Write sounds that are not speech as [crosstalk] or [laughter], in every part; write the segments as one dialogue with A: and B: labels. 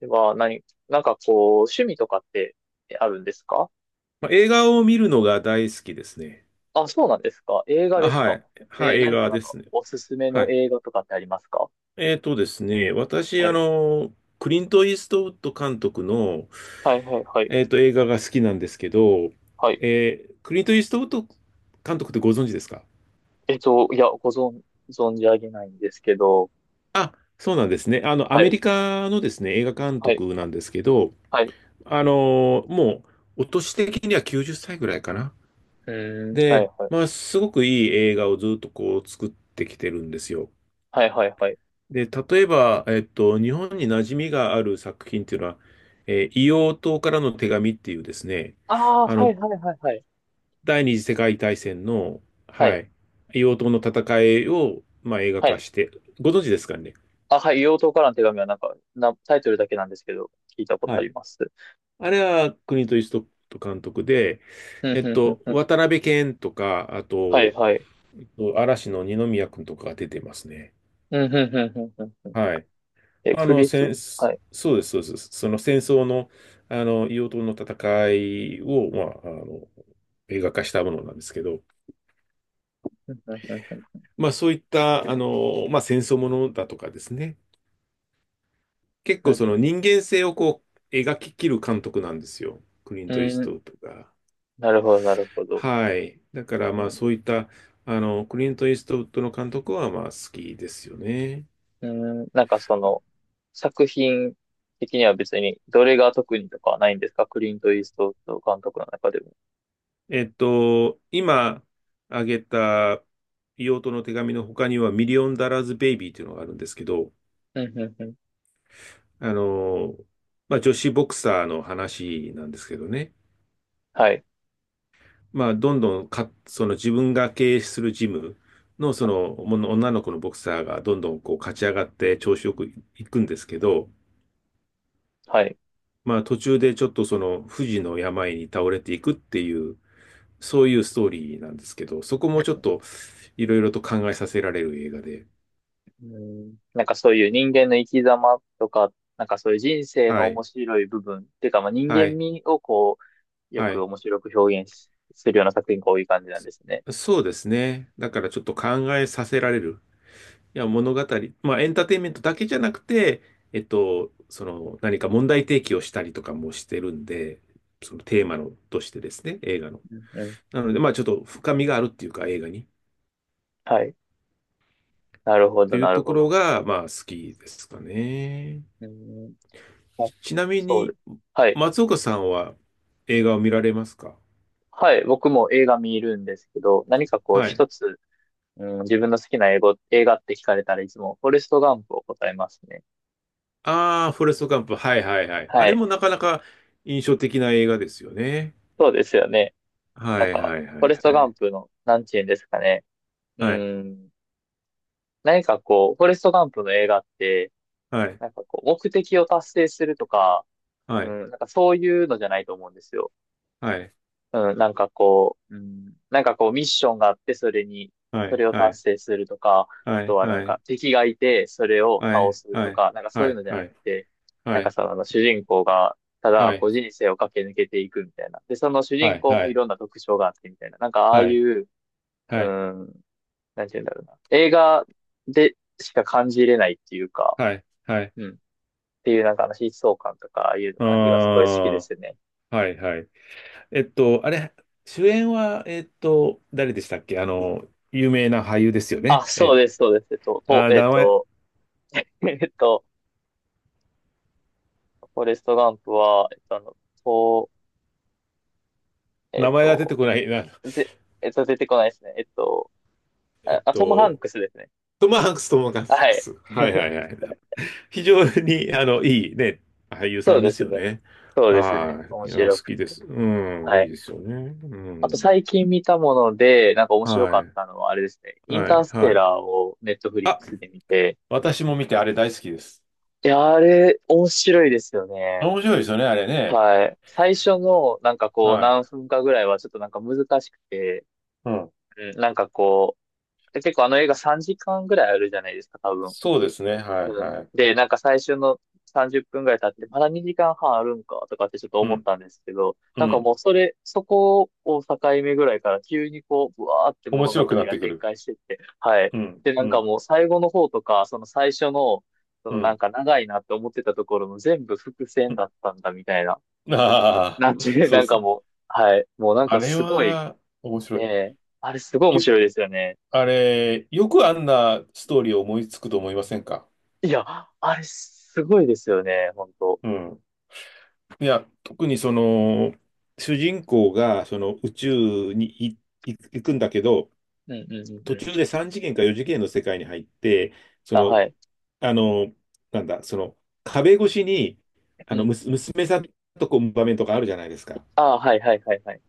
A: では、趣味とかってあるんですか？
B: まあ、映画を見るのが大好きですね。
A: あ、そうなんですか。映画
B: あ、
A: です
B: は
A: か。
B: い。はい、映画ですね。
A: おすすめ
B: は
A: の
B: い。
A: 映画とかってありますか？
B: えっとですね、私、
A: はい。
B: クリント・イーストウッド監督の、
A: はいはいはい。
B: 映画が好きなんですけど、
A: はい。
B: クリント・イーストウッド監督ってご存知ですか？
A: いや、存じ上げないんですけど。
B: あ、そうなんですね。あの、ア
A: は
B: メ
A: い。
B: リカのですね、映画監
A: はい。
B: 督なんですけど、
A: はい。
B: あの、もう、お年的には90歳ぐらいかな。
A: うーん。は
B: で、
A: いはい。
B: まあ、すごくいい映画をずっとこう作ってきてるんですよ。
A: はいはいはい。
B: で、例えば、日本に馴染みがある作品っていうのは、硫黄島からの手紙っていうですね、
A: ああ、
B: あ
A: は
B: の、
A: いはいはいはい。
B: 第二次世界大戦の、
A: は
B: は
A: い。
B: い、硫黄島の戦いを、まあ、映画
A: は
B: 化
A: い。
B: して、ご存知ですかね。
A: あ、はい。硫黄島からの手紙はタイトルだけなんですけど、聞いたこと
B: は
A: あ
B: い。
A: ります。
B: あれは国とストップ監督で、
A: うん、うん、うん、ふん。
B: 渡辺謙とか、あ
A: はい
B: と、
A: はい。
B: 嵐の二宮君とかが出てますね。
A: うん、うん、うん、うん、うん。ふん。
B: はい。
A: え、
B: あ
A: ク
B: の、
A: リスト、
B: 戦
A: はい。
B: そうです、そうです。その戦争の、あの、硫黄島の戦いを、まあ、あの、映画化したものなんですけど、
A: うん、
B: まあ、そういった、あの、まあ、戦争ものだとかですね。結構その人間性をこう、描ききる監督なんですよ。クリント・イーストウッドが。
A: なるほど、なるほど。
B: はい。だから、
A: う
B: まあ、
A: ん、
B: そういった、あの、クリント・イーストウッドの監督は、まあ、好きですよね。
A: うんなんかその、作品的には別に、どれが特にとかはないんですか？クリント・イーストウッド監督の中でも。
B: 今あげた硫黄トの手紙の他には、ミリオンダラーズ・ベイビーというのがあるんですけど、
A: うんうんうん。
B: あの、まあ、女子ボクサーの話なんですけどね、
A: はい、
B: まあ、どんどんか、その自分が経営するジムの、そのもの女の子のボクサーがどんどんこう勝ち上がって調子よくいくんですけど、
A: はい。
B: まあ、途中でちょっとその不治の病に倒れていくっていう、そういうストーリーなんですけど、そこもちょっといろいろと考えさせられる映画で、
A: うん、なんかそういう人間の生き様とか、なんかそういう人生の
B: は
A: 面
B: い。
A: 白い部分っていうか、まあ、人
B: は
A: 間
B: い。
A: 味をこう、よ
B: は
A: く
B: い。
A: 面白く表現するような作品が多い感じなんですね。
B: そうですね。だからちょっと考えさせられる。いや、物語。まあ、エンターテインメントだけじゃなくて、その、何か問題提起をしたりとかもしてるんで、そのテーマの、としてですね、映画の。
A: うんうん。
B: なので、まあ、ちょっと深みがあるっていうか、映画に。っ
A: はい。なるほ
B: て
A: ど、
B: いう
A: なる
B: とこ
A: ほ
B: ろ
A: ど。
B: が、まあ、好きですかね。
A: うん。あ、
B: ちなみ
A: そう
B: に、
A: です。はい。
B: 松岡さんは映画を見られますか？
A: はい。僕も映画見るんですけど、こう
B: はい。
A: 一つ、うん、自分の好きな英語、映画って聞かれたらいつも、フォレストガンプを答えますね。
B: ああ、フォレストガンプ。はいはいはい。あ
A: は
B: れ
A: い。
B: もなかなか印象的な映画ですよね。
A: そうですよね。
B: は
A: なん
B: い
A: か、
B: はい
A: フ
B: は
A: ォレス
B: いは
A: トガン
B: い。
A: プの、なんて言うんですかね。うん。こう、フォレストガンプの映画って、
B: はい
A: なんかこう、目的を達成するとか、
B: は
A: う
B: い
A: ん、なんかそういうのじゃないと思うんですよ。
B: はい
A: うん、なんかこうミッションがあって、それに、
B: は
A: そ
B: い。
A: れを
B: は
A: 達
B: い
A: 成するとか、あ
B: は
A: と
B: い
A: はなん
B: は
A: か
B: い
A: 敵がいて、それを
B: は
A: 倒
B: い。
A: す
B: は
A: と
B: い
A: か、なんかそう
B: は
A: いう
B: い
A: のじゃ
B: は
A: なく
B: い
A: て、なん
B: は
A: か
B: い。
A: その主人公が、た
B: はいは
A: だ
B: いは
A: こ
B: い
A: う人生を駆け抜けていくみたいな。で、その主
B: は
A: 人公もい
B: い。
A: ろんな特徴があってみたいな。なんかああいう、
B: は
A: う
B: い
A: ん、なんて言うんだろうな。映画でしか感じれないっていうか、
B: はい。はい
A: うん。っていう疾走感とか、ああいう
B: あ
A: 感じがすごい好き
B: あ、
A: ですね。
B: はいはい。あれ、主演は誰でしたっけ？あの有名な俳優ですよね。
A: あ、そうです、そうです。えっと、と、えっ
B: 名前、
A: と、[laughs] えっと、フォレストガンプは、えっと、あの、と、えっ
B: 名前が出て
A: と、
B: こないな。
A: ぜ、えっと、出てこないですね。
B: えっ
A: あ、トム・ハン
B: と
A: クスですね。
B: トム・ハンクス、トム・ハン
A: は
B: ク
A: い。
B: ス、はいは
A: [laughs]
B: いはい。非常に、あの、いいね、俳優
A: そ
B: さ
A: う
B: ん
A: で
B: です
A: す
B: よ
A: ね。
B: ね。
A: そうですね。
B: は
A: 面
B: い。いや、好
A: 白く。
B: きです。うん、
A: は
B: いい
A: い。
B: ですよね。う
A: あと
B: ん。
A: 最近見たもので、なんか面白
B: は
A: かった
B: い。
A: のは、あれですね。イン
B: は
A: ター
B: い。
A: ステ
B: はい。
A: ラーをネットフリッ
B: あ、
A: クスで見て、
B: 私も見てあれ大好きです。
A: いや、あれ、面白いですよね。
B: 面白いですよね、あれね。
A: はい。最初の、なんかこう、
B: はい。
A: 何分かぐらいはちょっとなんか難しくて、
B: うん。
A: うん、なんかこう、結構あの映画3時間ぐらいあるじゃないですか、多分。
B: そうですね。はい。
A: うん。
B: はい。
A: で、なんか最初の30分ぐらい経って、まだ2時間半あるんかとかってちょっと
B: う
A: 思っ
B: ん。
A: たんですけど、
B: う
A: なんか
B: ん。
A: もうそこを境目ぐらいから急にこう、ぶわーって
B: 面
A: 物語
B: 白くなっ
A: が
B: てく
A: 展
B: る。
A: 開してって、はい。
B: うん。
A: で、な
B: う
A: んか
B: ん。
A: もう最後の方とか、その最初の、そ
B: う
A: のなん
B: ん。
A: か長いなって思ってたところも全部伏
B: う
A: 線だ
B: ん。
A: ったんだみたいな。
B: あ
A: なん
B: あ、
A: て
B: [laughs]
A: いう、
B: そ
A: な
B: う
A: ん
B: そ
A: か
B: う。
A: もう、はい。もうなん
B: あ
A: か
B: れ
A: すごい、
B: は、面白
A: ね
B: い。
A: え、あれすごい面
B: ゆ
A: 白いですよね。
B: あれ、よくあんなストーリーを思いつくと思いませんか？
A: いや、あれすごいですよね、本当。
B: うん。いや、特にその、主人公がその宇
A: うん
B: 宙に行くんだけど、
A: うんうんう
B: 途
A: ん。
B: 中で3次元か4次元の世界に入って、そ
A: あ、は
B: の、
A: い。
B: あの、なんだ、その、壁越しに、
A: う
B: あの、
A: ん。
B: 娘さんとこう場面とかあるじゃないですか。
A: ああ、はいはいはいはい。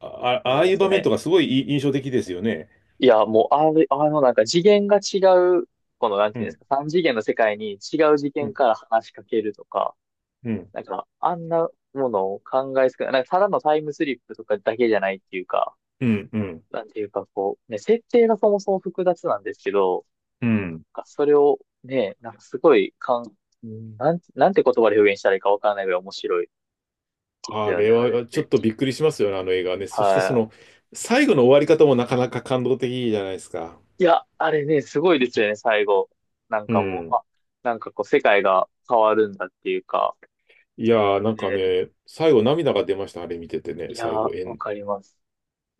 B: ああ、
A: あ
B: あ
A: り
B: あ
A: ま
B: いう
A: す
B: 場面
A: ね。
B: とかすごい印象的ですよね。
A: いや、もう、なんか次元が違う、この、なん
B: う
A: ていうんです
B: ん、
A: か、三次元の世界に違う次
B: う
A: 元
B: ん、
A: から話しかけるとか、
B: うん、
A: なんか、あんなものを考えすくない、なんか、ただのタイムスリップとかだけじゃないっていうか、
B: うん、うん。
A: なんていうか、こう、ね、設定がそもそも複雑なんですけど、
B: うん。
A: なんかそれをね、なんかすごい、かん、うんなんて、なんて言葉で表現したらいいかわからないぐらい面白いです
B: あ
A: よ
B: れ
A: ね、あれっ
B: はちょ
A: て。
B: っとびっくりしますよね、あの映画はね。そしてそ
A: は
B: の、
A: い。
B: 最後の終わり方もなかなか感動的じゃないですか。
A: いや、あれね、すごいですよね、最後。なん
B: う
A: かもう、
B: ん。
A: あ、なんかこう、世界が変わるんだっていうか。
B: いやー、なんか
A: ね、
B: ね、最後涙が出ました、あれ見ててね、
A: いや
B: 最
A: ー、
B: 後、
A: わかります。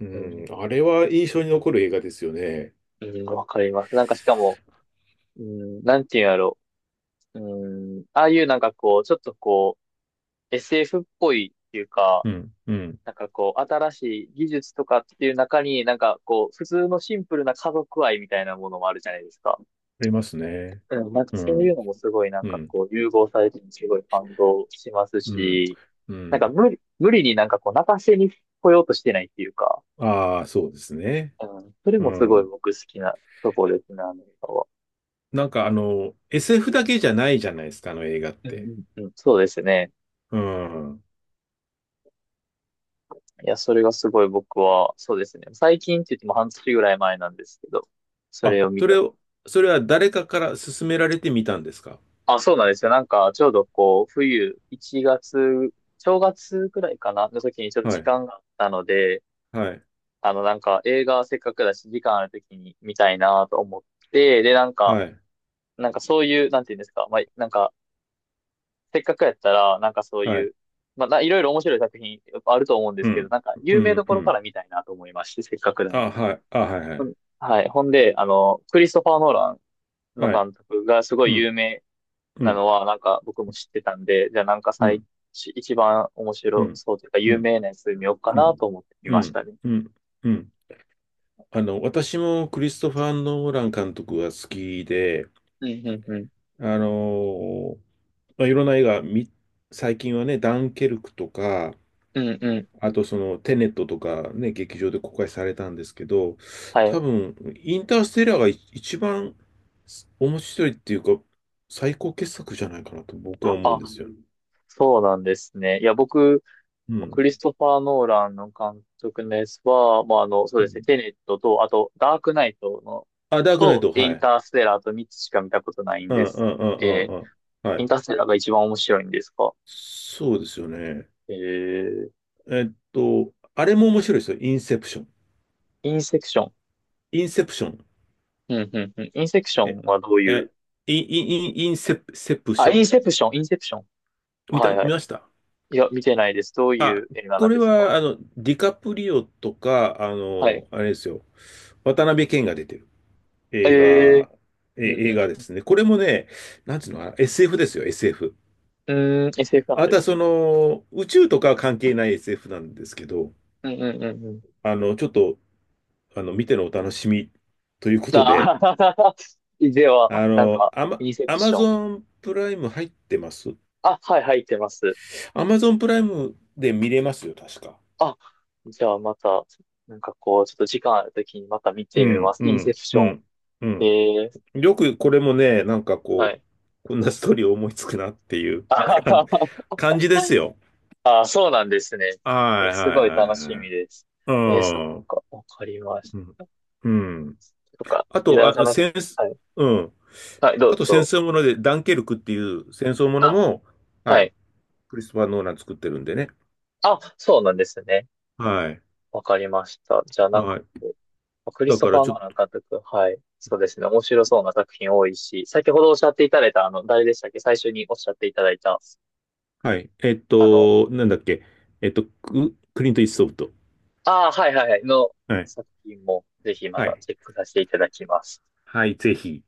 B: う
A: うん、
B: ん、あれは印象に残る映画ですよね。
A: うん、わかります。なんかしかも、うん、なんていうんやろう。うん、ああいうなんかこう、ちょっとこう、SF っぽいっていうか、
B: うん、うん、
A: なんかこう、新しい技術とかっていう中に、なんかこう、普通のシンプルな家族愛みたいなものもあるじゃないですか。
B: ありますね。
A: うん、なんか
B: う
A: そういう
B: ん、
A: のもすごいなん
B: う
A: か
B: ん、
A: こう融合されててすごい感動します
B: うん、
A: し、
B: うん。
A: 無理になんかこう泣かせに来ようとしてないっていうか、
B: ああ、そうですね。
A: うん、それ
B: う
A: もすごい
B: ん。
A: 僕好きなところですね、アメリカは。
B: なんかあの、SF だけじゃないじゃないですか、あの映画っ
A: うん
B: て。
A: うんうん、そうですね。
B: うん。
A: いや、それがすごい僕は、そうですね。最近って言っても半年ぐらい前なんですけど、そ
B: あ、
A: れを見
B: それ
A: た。
B: を、それは誰かから勧められてみたんですか？
A: あ、そうなんですよ。なんかちょうどこう冬、1月、正月くらいかな、の時にちょっと
B: は
A: 時
B: い、
A: 間があったので、
B: はい、
A: あの、なんか映画せっかくだし、時間あるときに見たいなと思って、で、なんか、
B: はい、
A: なんかそういう、なんていうんですか、まあ、なんか、せっかくやったら、なんかそう
B: は
A: い
B: い。
A: う、まあ、いろいろ面白い作品あると思うんで
B: う
A: すけど、
B: ん、
A: なんか、
B: う
A: 有名ど
B: ん、
A: こ
B: う
A: ろか
B: ん。
A: ら見たいなと思いまして、せっかくなら。
B: あ、はい、あ、はい、は
A: う
B: い。
A: ん。はい。ほんで、あの、クリストファー・ノーランの
B: はい、
A: 監督がすご
B: う
A: い有
B: ん、
A: 名
B: う
A: な
B: ん。
A: のは、なんか僕も知ってたんで、じゃあなんか
B: う
A: 最、
B: ん、
A: 一番面
B: う
A: 白
B: ん、
A: そうというか、
B: う
A: 有
B: ん、
A: 名なやつ見ようか
B: う
A: な
B: ん、
A: と思ってみ
B: う
A: まし
B: ん、
A: たね。
B: うん、うん。あの、私もクリストファー・ノーラン監督が好きで、
A: うん、うん、うん。
B: あの、まあ、いろんな映画み最近はね、ダンケルクとか、
A: うん、うんう
B: あ
A: ん。
B: とそのテネットとかね、劇場で公開されたんですけど、
A: は
B: 多
A: い。
B: 分、インターステラーが一番面白いっていうか、最高傑作じゃないかなと僕は思うん
A: あ、
B: ですよ。
A: そうなんですね。いや、僕、
B: う
A: クリ
B: ん。
A: ストファー・ノーランの監督のやつは、まあ、あの、そう
B: う
A: ですね、
B: ん。
A: テネットと、あと、ダークナイトの、
B: あ、ダークナイ
A: と、
B: ト、
A: イ
B: は
A: ン
B: い。
A: ターステラーと3つしか見たことないん
B: うん、う
A: で
B: ん、
A: す。
B: うん、
A: え
B: うん、う
A: ー、
B: ん。は
A: イン
B: い。
A: ターステラーが一番面白いんですか？
B: そうですよね。
A: えー、
B: あれも面白いですよ。インセプション。
A: インセクション。
B: インセプション。
A: うん、うん、うん。インセクション
B: え、
A: はどういう、
B: え、インインセプ、セプシ
A: あ、
B: ョ
A: イン
B: ン。
A: セプション、インセプション。はい、は
B: 見
A: い。
B: ました？
A: いや、見てないです。どういう映画な
B: こ
A: ん
B: れ
A: ですか？
B: は、あの、ディカプリオとか、あ
A: はい。
B: の、あれですよ。渡辺謙が出てる映
A: えー、
B: 画、え、
A: うん、
B: 映
A: う
B: 画で
A: ん。
B: すね。これもね、なんつうのかな、SF ですよ、SF。
A: うーん、SF なん
B: ま
A: で
B: た、
A: す
B: そ
A: ね。
B: の、宇宙とかは関係ない SF なんですけど、
A: うん、うん、うん、
B: あの、ちょっと、あの、見てのお楽しみということで、
A: あ。 [laughs] では、
B: あ
A: なん
B: の、
A: か、インセプ
B: ア
A: シ
B: マ
A: ョン。
B: ゾンプライム入ってます？
A: あ、はい、入ってます。
B: アマゾンプライムで見れますよ、確か。
A: あ、じゃあまた、なんかこう、ちょっと時間あるときにまた見
B: う
A: てみま
B: ん、
A: す。
B: う
A: インセ
B: ん、
A: プシ
B: う
A: ョン。
B: ん、う
A: え
B: ん。
A: え。
B: よくこれもね、なんか
A: は
B: こ
A: い。
B: う、こんなストーリー思いつくなっていう
A: あ、
B: [laughs] 感感じですよ。
A: [laughs]、あ、そうなんですね。え
B: はい
A: す
B: はい
A: ごい
B: はい
A: 楽し
B: は
A: み
B: い。
A: です。
B: う
A: えー、そっ
B: ん。う
A: か、わかりまし
B: ん。うん。
A: た。とか、
B: あ
A: いた
B: と、
A: さ
B: あ、
A: な、
B: 戦、
A: はい。
B: うん。
A: はい、ど
B: あ
A: う
B: と戦
A: ぞ。
B: 争もので、ダンケルクっていう戦争もの
A: あ、
B: も、は
A: は
B: い。
A: い。
B: クリストファー・ノーラン作ってるんでね。
A: あ、そうなんですね。
B: はい。
A: わかりました。じゃあなんか、
B: はい。
A: クリス
B: だ
A: ト
B: か
A: フ
B: ら
A: ァー・
B: ち
A: ノ
B: ょ
A: ー
B: っ
A: ラン
B: と、
A: 監督。はい。そうですね。面白そうな作品多いし、先ほどおっしゃっていただいた、あの、誰でしたっけ、最初におっしゃっていただいた、
B: はい。
A: あの、
B: なんだっけ。クリント・イーストウッド。
A: ああ、はいはいはい、の
B: はい。
A: 作品も、ぜひま
B: は
A: た
B: い。
A: チェックさせていただきます。
B: はい、ぜひ。